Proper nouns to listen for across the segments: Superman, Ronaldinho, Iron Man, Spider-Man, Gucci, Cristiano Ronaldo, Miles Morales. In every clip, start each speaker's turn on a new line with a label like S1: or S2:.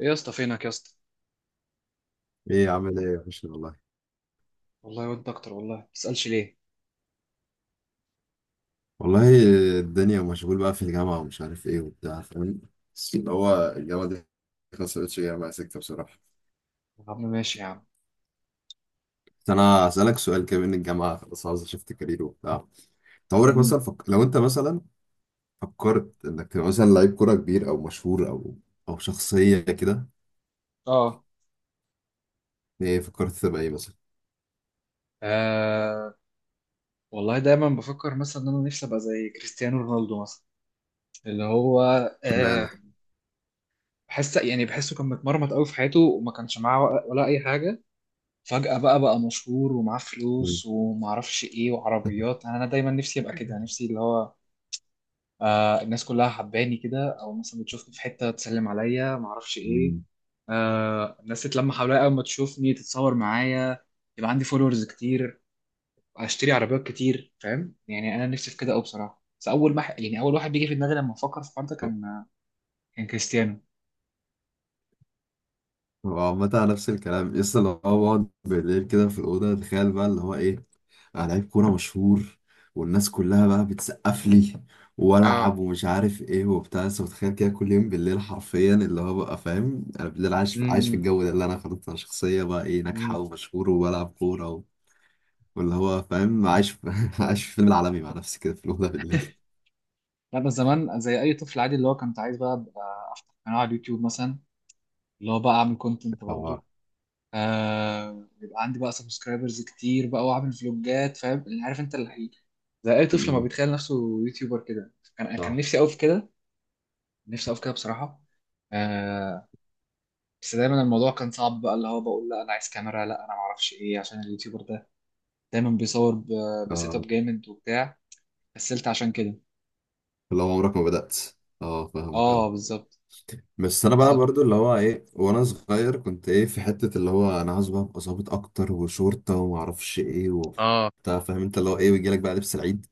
S1: ايه يا اسطى، فينك يا اسطى؟
S2: ايه عامل ايه يا باشا والله.
S1: والله وانت اكتر. والله ما تسالش ليه.
S2: والله الدنيا مشغول بقى في الجامعة ومش عارف ايه وبتاع فاهم. بس اللي هو الجامعة دي، ما سألتش جامعة سكتة بصراحة.
S1: يا عم ماشي يا عم.
S2: بس انا هسألك سؤال كده، من الجامعة خلاص عاوز اشفت كارير وبتاع. أنت عمرك
S1: مم.
S2: مثلا لو انت مثلا فكرت انك تبقى مثلا لعيب كورة كبير او مشهور او شخصية كده،
S1: اه،
S2: ايه فكرت تبقى ايه مثلا؟
S1: آه، والله دايما بفكر مثلا ان انا نفسي ابقى زي كريستيانو رونالدو مثلا. اللي هو
S2: اشمعنى؟
S1: آه، بحس يعني بحسه كان متمرمط قوي في حياته وما كانش معاه ولا اي حاجه. فجاه بقى مشهور ومعاه
S2: مم.
S1: فلوس وما اعرفش ايه وعربيات. انا دايما نفسي ابقى كده، نفسي اللي هو آه الناس كلها حباني كده، او مثلا بتشوفني في حته تسلم عليا، ما اعرفش ايه.
S2: مم.
S1: آه الناس تتلم حواليا اول ما تشوفني تتصور معايا، يبقى عندي فولورز كتير، اشتري عربيات كتير. فاهم يعني انا نفسي في كده قوي بصراحه. بس اول ما يعني اول واحد بيجي في دماغي لما افكر في الحوار ده كان كان كريستيانو.
S2: هو عامة على نفس الكلام لسه، لو هو بقعد بالليل كده في الأوضة، تخيل بقى اللي هو إيه. لعيب كورة مشهور، والناس كلها بقى بتسقف لي، والعب
S1: اه،
S2: ومش عارف ايه وبتاع. بس متخيل كده كل يوم بالليل حرفيا اللي هو بقى فاهم، انا بالليل عايش عايش في
S1: امم،
S2: الجو ده، اللي انا خلاص انا شخصية بقى ايه ناجحة
S1: امم،
S2: ومشهور وبلعب كورة و... واللي هو فاهم عايش في... عايش في فيلم العالمي مع نفسي كده في الأوضة بالليل.
S1: لا بس زمان زي اي طفل عادي اللي هو كنت عايز بقى أبقى افتح قناه على اليوتيوب مثلا. اللي هو بقى اعمل كونتنت برضه.
S2: طبعا.
S1: آه يبقى عندي بقى سبسكرايبرز كتير بقى، واعمل فلوجات. فاهم، اللي عارف انت اللي زي اي طفل ما
S2: م.
S1: بيتخيل نفسه يوتيوبر كده. كان
S2: صح.
S1: نفسي قوي في كده. نفسي قوي في كده بصراحه. آه، بس دايما الموضوع كان صعب بقى. اللي هو بقول لا انا عايز كاميرا، لا انا ما اعرفش ايه. عشان اليوتيوبر ده دايما بيصور بسيت اب
S2: اه،
S1: جامد وبتاع. كسلت عشان كده.
S2: اللي هو عمرك ما بدأت. اه فاهمك
S1: اه
S2: اه.
S1: بالظبط.
S2: بس انا بقى
S1: بالظبط
S2: برضو اللي هو ايه، وانا صغير كنت ايه في حتة اللي هو انا عاوز بقى ابقى ظابط اكتر وشرطة وما اعرفش ايه
S1: اه.
S2: وبتاع فاهم انت، اللي هو ايه ويجي لك بقى لبس العيد،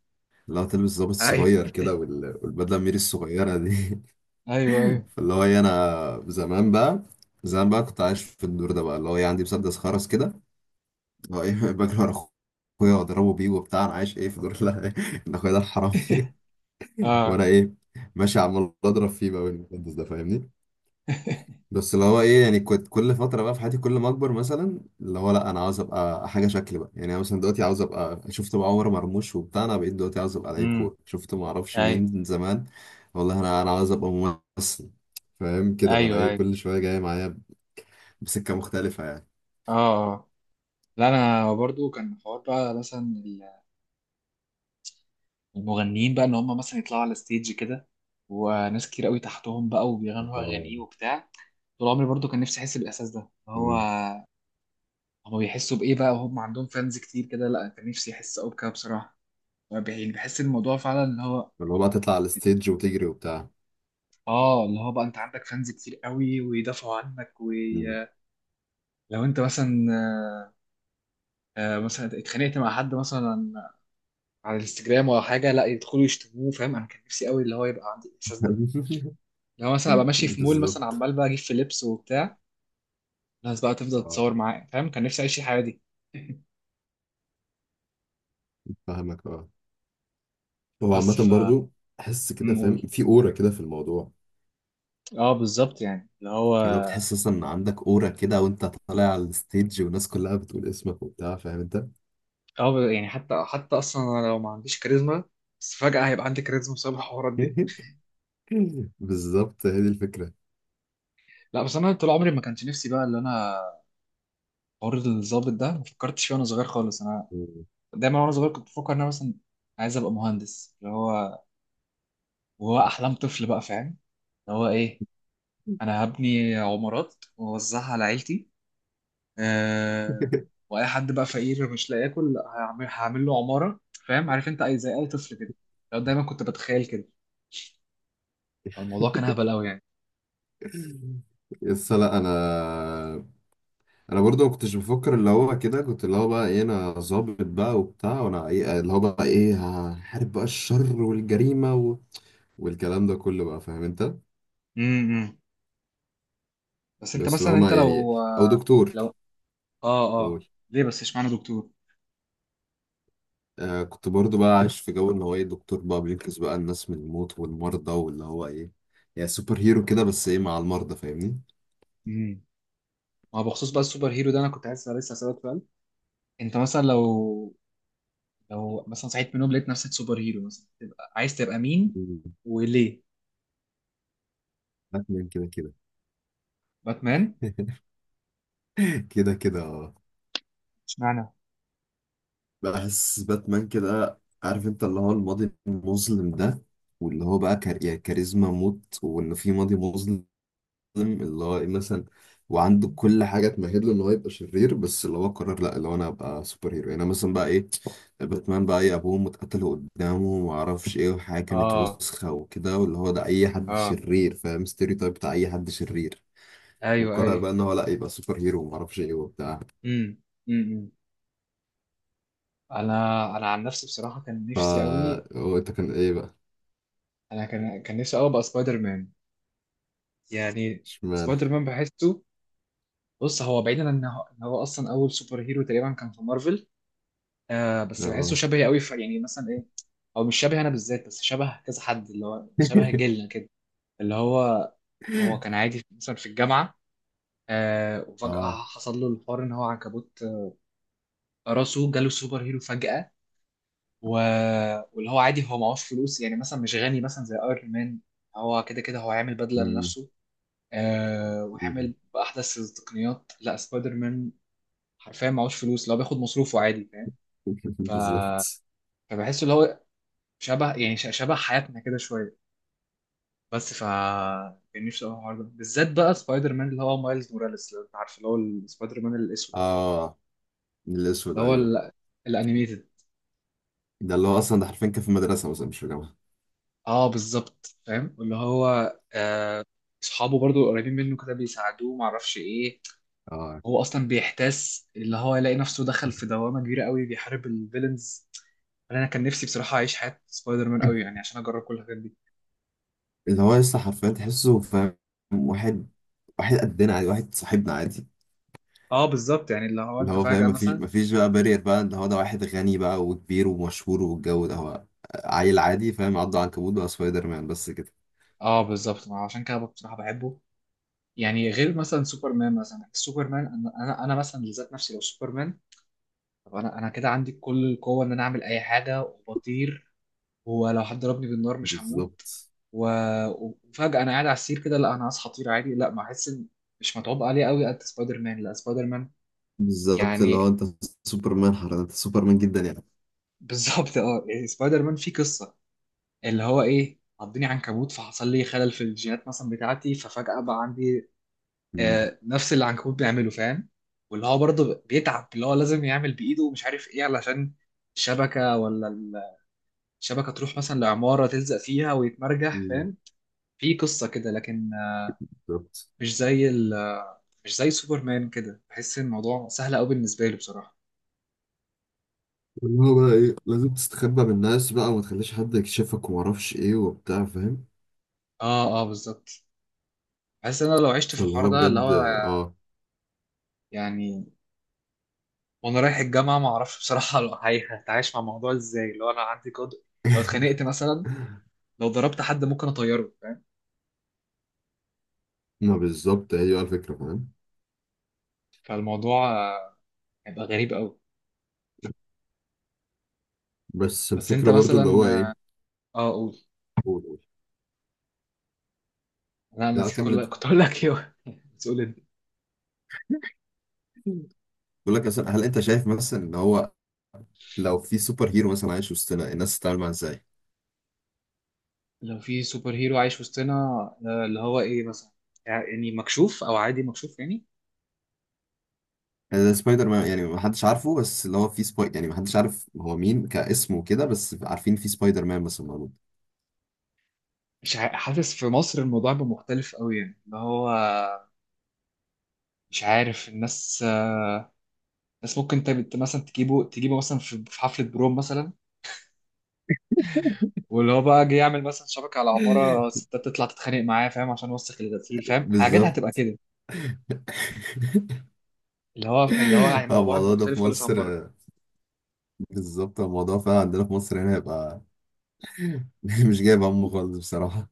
S2: اللي هو تلبس ظابط
S1: ايوه
S2: صغير كده، والبدلة الميري الصغيرة دي.
S1: ايوه ايوه.
S2: فاللي هو ايه انا زمان بقى، كنت عايش في الدور ده بقى اللي هو ايه عندي مسدس خرز كده، اللي هو ايه بجري ورا اخويا واضربه بيه وبتاع، انا عايش ايه في دور، لا إن اخويا ده الحرامي وانا
S1: اه،
S2: ايه ماشي عمال اضرب فيه بقى بالمسدس ده فاهمني. بس اللي هو ايه يعني، كنت كل فتره بقى في حياتي كل ما اكبر مثلا اللي هو، لا انا عاوز ابقى حاجه شكل بقى، يعني انا مثلا دلوقتي عاوز ابقى شفت بقى عمر مرموش وبتاع، انا بقيت دلوقتي عاوز ابقى لعيب
S1: امم،
S2: كوره شفت ما اعرفش
S1: ايوه
S2: مين زمان. والله انا عاوز ابقى ممثل. فاهم كده بقى، انا
S1: ايوه
S2: ايه
S1: ايوه،
S2: كل شويه جاي معايا بسكه مختلفه يعني.
S1: اه، آه. لا انا برضو كان حوار بقى، مثلا المغنيين بقى ان هم مثلا يطلعوا على ستيج كده، وناس كتير قوي تحتهم بقى، وبيغنوا
S2: آه.
S1: اغاني وبتاع. طول عمري برضو كان نفسي احس بالاحساس ده. اللي هو
S2: مم.
S1: هما بيحسوا بايه بقى وهم عندهم فانز كتير كده. لا كان نفسي احس قوي بكده بصراحه. يعني بحس الموضوع فعلا اللي هو
S2: اللي هو بقى تطلع على الستيج وتجري وبتاع.
S1: اه، اللي هو بقى انت عندك فانز كتير قوي ويدافعوا عنك.
S2: مم.
S1: ولو انت مثلا آه، آه، مثلا اتخانقت مع حد مثلا على الانستجرام ولا حاجه، لا يدخلوا يشتموه. فاهم انا كان نفسي قوي اللي هو يبقى عندي الاحساس ده. لو مثلا ابقى ماشي في مول مثلا،
S2: بالظبط.
S1: عمال بقى اجيب في لبس وبتاع، الناس بقى تفضل
S2: اه
S1: تتصور معايا. فاهم كان نفسي اعيش الحياه دي.
S2: فاهمك اه. هو عامة
S1: بس ف
S2: برضو احس كده فاهم،
S1: نقول
S2: في اورا كده في الموضوع،
S1: اه بالظبط يعني اللي هو
S2: اللي هو بتحس اصلا ان عندك اورا كده وانت طالع على الستيج والناس كلها بتقول اسمك وبتاع فاهم انت.
S1: اه يعني حتى اصلا انا لو ما عنديش كاريزما، بس فجاه هيبقى عندي كاريزما بسبب الحوارات دي.
S2: بالظبط هي دي الفكره.
S1: لا بس انا طول عمري ما كانش نفسي بقى اللي انا حوار الضابط ده ما فكرتش فيه وانا صغير خالص. انا دايما وانا صغير كنت بفكر ان انا مثلا عايز ابقى مهندس اللي هو، وهو احلام طفل بقى. فاهم اللي هو ايه، انا هبني عمارات واوزعها على عيلتي. آه، واي حد بقى فقير مش لاقي ياكل لا، هعمل له عماره. فاهم عارف انت اي زي اي طفل كده، لو دايما كنت بتخيل كده. فالموضوع كان هبل قوي يعني.
S2: يس. لا انا برضو ما كنتش بفكر اللي هو كده، كنت اللي هو بقى ايه انا ظابط بقى وبتاع، وانا ايه اللي هو بقى ايه هحارب بقى الشر والجريمه و... والكلام ده كله بقى فاهم انت.
S1: امم، بس انت
S2: بس اللي هو
S1: مثلا انت
S2: ما يعني،
S1: لو
S2: او دكتور.
S1: لو اه، اه،
S2: قول.
S1: ليه بس اشمعنى دكتور؟
S2: آه كنت برضو بقى عايش في جو ان هو ايه دكتور بقى بينقذ بقى الناس من الموت والمرضى واللي هو ايه، يعني سوبر هيرو كده بس ايه مع المرضى فاهمني.
S1: امم، ما هو بخصوص بقى السوبر هيرو ده انا كنت عايز لسه اسالك سؤال. انت مثلا لو مثلا صحيت من النوم لقيت نفسك سوبر هيرو، مثلا تبقى عايز تبقى مين
S2: مم.
S1: وليه؟
S2: باتمان كده كده.
S1: باتمان،
S2: كده كده اه.
S1: اشمعنى؟
S2: بحس باتمان كده عارف انت اللي هو الماضي المظلم ده، واللي هو بقى يعني كاريزما موت، وانه في ماضي مظلم، اللي هو ايه مثلا، وعنده كل حاجه تمهد له ان هو يبقى شرير، بس اللي هو قرر لا، اللي هو انا ابقى سوبر هيرو. يعني أنا مثلا بقى ايه، باتمان بقى ايه، ابوه متقتل قدامه وما اعرفش ايه، وحاجه كانت
S1: اه
S2: وسخه وكده، واللي هو ده اي حد
S1: اه،
S2: شرير فاهم، ستيريو تايب بتاع اي حد شرير.
S1: ايوه
S2: وقرر
S1: ايوه،
S2: بقى ان هو لا، يبقى سوبر هيرو وما اعرفش ايه وبتاع.
S1: امم، امم، انا عن نفسي بصراحه كان
S2: فا
S1: نفسي قوي.
S2: هو انت كان ايه بقى؟
S1: انا كان نفسي قوي ابقى سبايدر مان يعني.
S2: اشمعنى؟
S1: سبايدر مان بحسه، بص هو بعيدا عن ان هو إن هو اصلا اول سوبر هيرو تقريبا كان في مارفل. آه بس بحسه
S2: اه
S1: شبهي قوي في يعني مثلا ايه، او مش شبه انا بالذات بس شبه كذا حد اللي هو شبه جيلنا كده. اللي هو هو كان عادي مثلا في الجامعه، آه وفجاه
S2: اه
S1: حصل له الحوار ان هو عنكبوت. آه، راسه جاله سوبر هيرو فجاه. و... واللي هو عادي هو معهوش فلوس، يعني مثلا مش غني مثلا زي ايرون مان. هو كده كده هو هيعمل بدلة
S2: مم.
S1: لنفسه. آه وهيعمل بأحدث التقنيات؟ لا، سبايدر مان حرفيا معهوش فلوس، لو بياخد مصروفه عادي فاهم. ف...
S2: بالظبط.
S1: فبحس اللي هو شبه يعني شبه حياتنا كده شوية. بس ف كان نفسي أوي الحوار ده بالذات بقى سبايدر مان اللي هو مايلز موراليس، لو انت عارف اللي هو السبايدر مان الاسود.
S2: اه الاسود
S1: اللي هو
S2: ايوه.
S1: الانيميتد.
S2: ده اللي هو اصلا ده حرفيا كان في مدرسه مثلا مش في جامعه.
S1: اه بالظبط فاهم اللي هو آه، اصحابه برضو قريبين منه كده بيساعدوه، ما اعرفش ايه.
S2: اه
S1: هو اصلا بيحتاس اللي هو يلاقي نفسه دخل في دوامه كبيره قوي بيحارب الفيلنز. انا كان نفسي بصراحه اعيش حياه سبايدر مان قوي يعني، عشان اجرب كل الحاجات دي.
S2: اللي هو لسه حرفيا تحسه فاهم، واحد واحد قدنا عادي واحد صاحبنا عادي.
S1: اه بالظبط يعني اللي هو
S2: اللي
S1: انت
S2: هو فاهم،
S1: فجاه
S2: مفيش
S1: مثلا،
S2: مفيش بقى بارير بقى اللي هو ده واحد غني بقى وكبير ومشهور والجو ده، هو عيل عادي فاهم، عضه عنكبوت بقى سبايدر مان بس كده.
S1: اه بالظبط ما عشان كده بصراحه بحبه. يعني غير مثلا سوبرمان، مثلا سوبرمان انا مثلا لذات نفسي لو سوبرمان، طب انا كده عندي كل القوه ان انا اعمل اي حاجه وبطير، ولو حد ضربني بالنار مش هموت.
S2: بالظبط
S1: و... وفجأة أنا قاعد على السرير كده، لا أنا هصحى طير عادي؟ لا، ما أحس إن مش متعوب عليه قوي قد سبايدر مان. لا سبايدر مان
S2: بالظبط اللي
S1: يعني.
S2: هو انت سوبرمان حرفيا، انت سوبرمان جدا يعني.
S1: بالظبط أه، يعني سبايدر مان فيه قصة. اللي هو إيه عضني عنكبوت فحصل لي خلل في الجينات مثلا بتاعتي، ففجأة بقى عندي
S2: مم.
S1: آه نفس اللي العنكبوت بيعمله فاهم. واللي هو برضه بيتعب، اللي هو لازم يعمل بإيده ومش عارف إيه، علشان الشبكة ولا الشبكة تروح مثلا لعمارة تلزق فيها ويتمرجح
S2: مم.
S1: فاهم. في قصة كده لكن
S2: بالظبط
S1: مش زي ال مش زي سوبرمان كده، بحس ان الموضوع سهل قوي بالنسبه لي بصراحه.
S2: اللي هو بقى ايه لازم تستخبى من الناس بقى وما تخليش حد يكشفك وما اعرفش ايه وبتاع فاهم.
S1: اه اه بالظبط. بحس ان انا لو عشت في
S2: فاللي
S1: الحوار
S2: هو
S1: ده اللي
S2: بجد
S1: هو
S2: اه.
S1: يعني وانا رايح الجامعه، ما اعرفش بصراحه لو هتعايش مع الموضوع ازاي لو انا عندي قدر. لو اتخانقت مثلا، لو ضربت حد ممكن اطيره فاهم.
S2: ما بالظبط هي بقى الفكرة فاهم.
S1: فالموضوع آه، هيبقى غريب قوي.
S2: بس
S1: بس انت
S2: الفكرة برضو اللي
S1: مثلا
S2: هو
S1: اه
S2: ايه.
S1: آه، قول.
S2: قول قول.
S1: لا انا
S2: لا
S1: نسيت،
S2: كمل
S1: كل
S2: انت.
S1: كنت اقول لك ايه. بس قول انت.
S2: بقول لك مثلا، هل انت شايف مثلا ان هو لو في سوبر هيرو مثلا عايش وسطنا، الناس تتعامل معاه ازاي؟
S1: لو في سوبر هيرو عايش وسطنا آه، اللي هو ايه مثلا، يعني مكشوف او عادي مكشوف يعني.
S2: يعني زي سبايدر مان يعني ما حدش عارفه، بس اللي هو في سباي، يعني ما حدش عارف هو مين كاسم وكده، بس عارفين في سبايدر مان مثلا موجود.
S1: مش حاسس في مصر الموضوع بقى مختلف قوي يعني اللي هو مش عارف الناس آه، الناس ممكن انت مثلا تجيبه مثلا في حفلة بروم مثلا، واللي هو بقى جه يعمل مثلا شبكة على عمارة ستات تطلع تتخانق معاه، فاهم عشان وسخ الغسيل. فاهم حاجات هتبقى
S2: بالظبط.
S1: كده. اللي هو الموضوع
S2: الموضوع ده في
S1: مختلف خالص عن
S2: مصر،
S1: بره.
S2: بالظبط الموضوع فعلا عندنا في مصر هنا هيبقى مش جايب همه خالص بصراحة.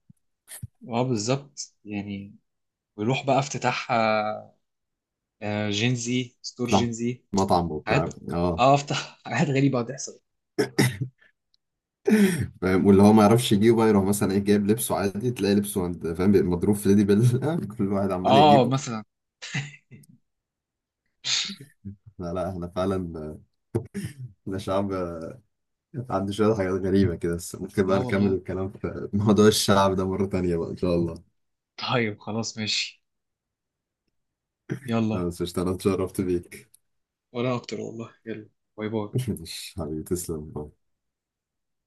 S1: اه بالظبط يعني، ويروح بقى افتتاح آه، آه، جينزي ستور
S2: صح.
S1: جينزي،
S2: مطعم
S1: حاجات،
S2: وبتاع اه.
S1: اه افتح حاجات غريبة هتحصل.
S2: فاهم، واللي هو ما يعرفش يجيبه بقى، يروح مثلا ايه جايب لبسه عادي تلاقي لبسه عند فاهم، بيبقى مضروب في ليدي بيل. كل واحد عمال
S1: اه
S2: يجيبه.
S1: مثلا.
S2: لا لا احنا فعلا، احنا شعب عنده شوية حاجات غريبة كده، بس ممكن بقى
S1: اه
S2: نكمل
S1: والله،
S2: الكلام في موضوع الشعب ده مرة تانية بقى ان شاء الله.
S1: طيب خلاص ماشي،
S2: أنا
S1: يلا.
S2: بس قشطة، انا اتشرفت بيك.
S1: وانا اكتر والله، يلا. باي باي.
S2: مش حبيبي تسلم.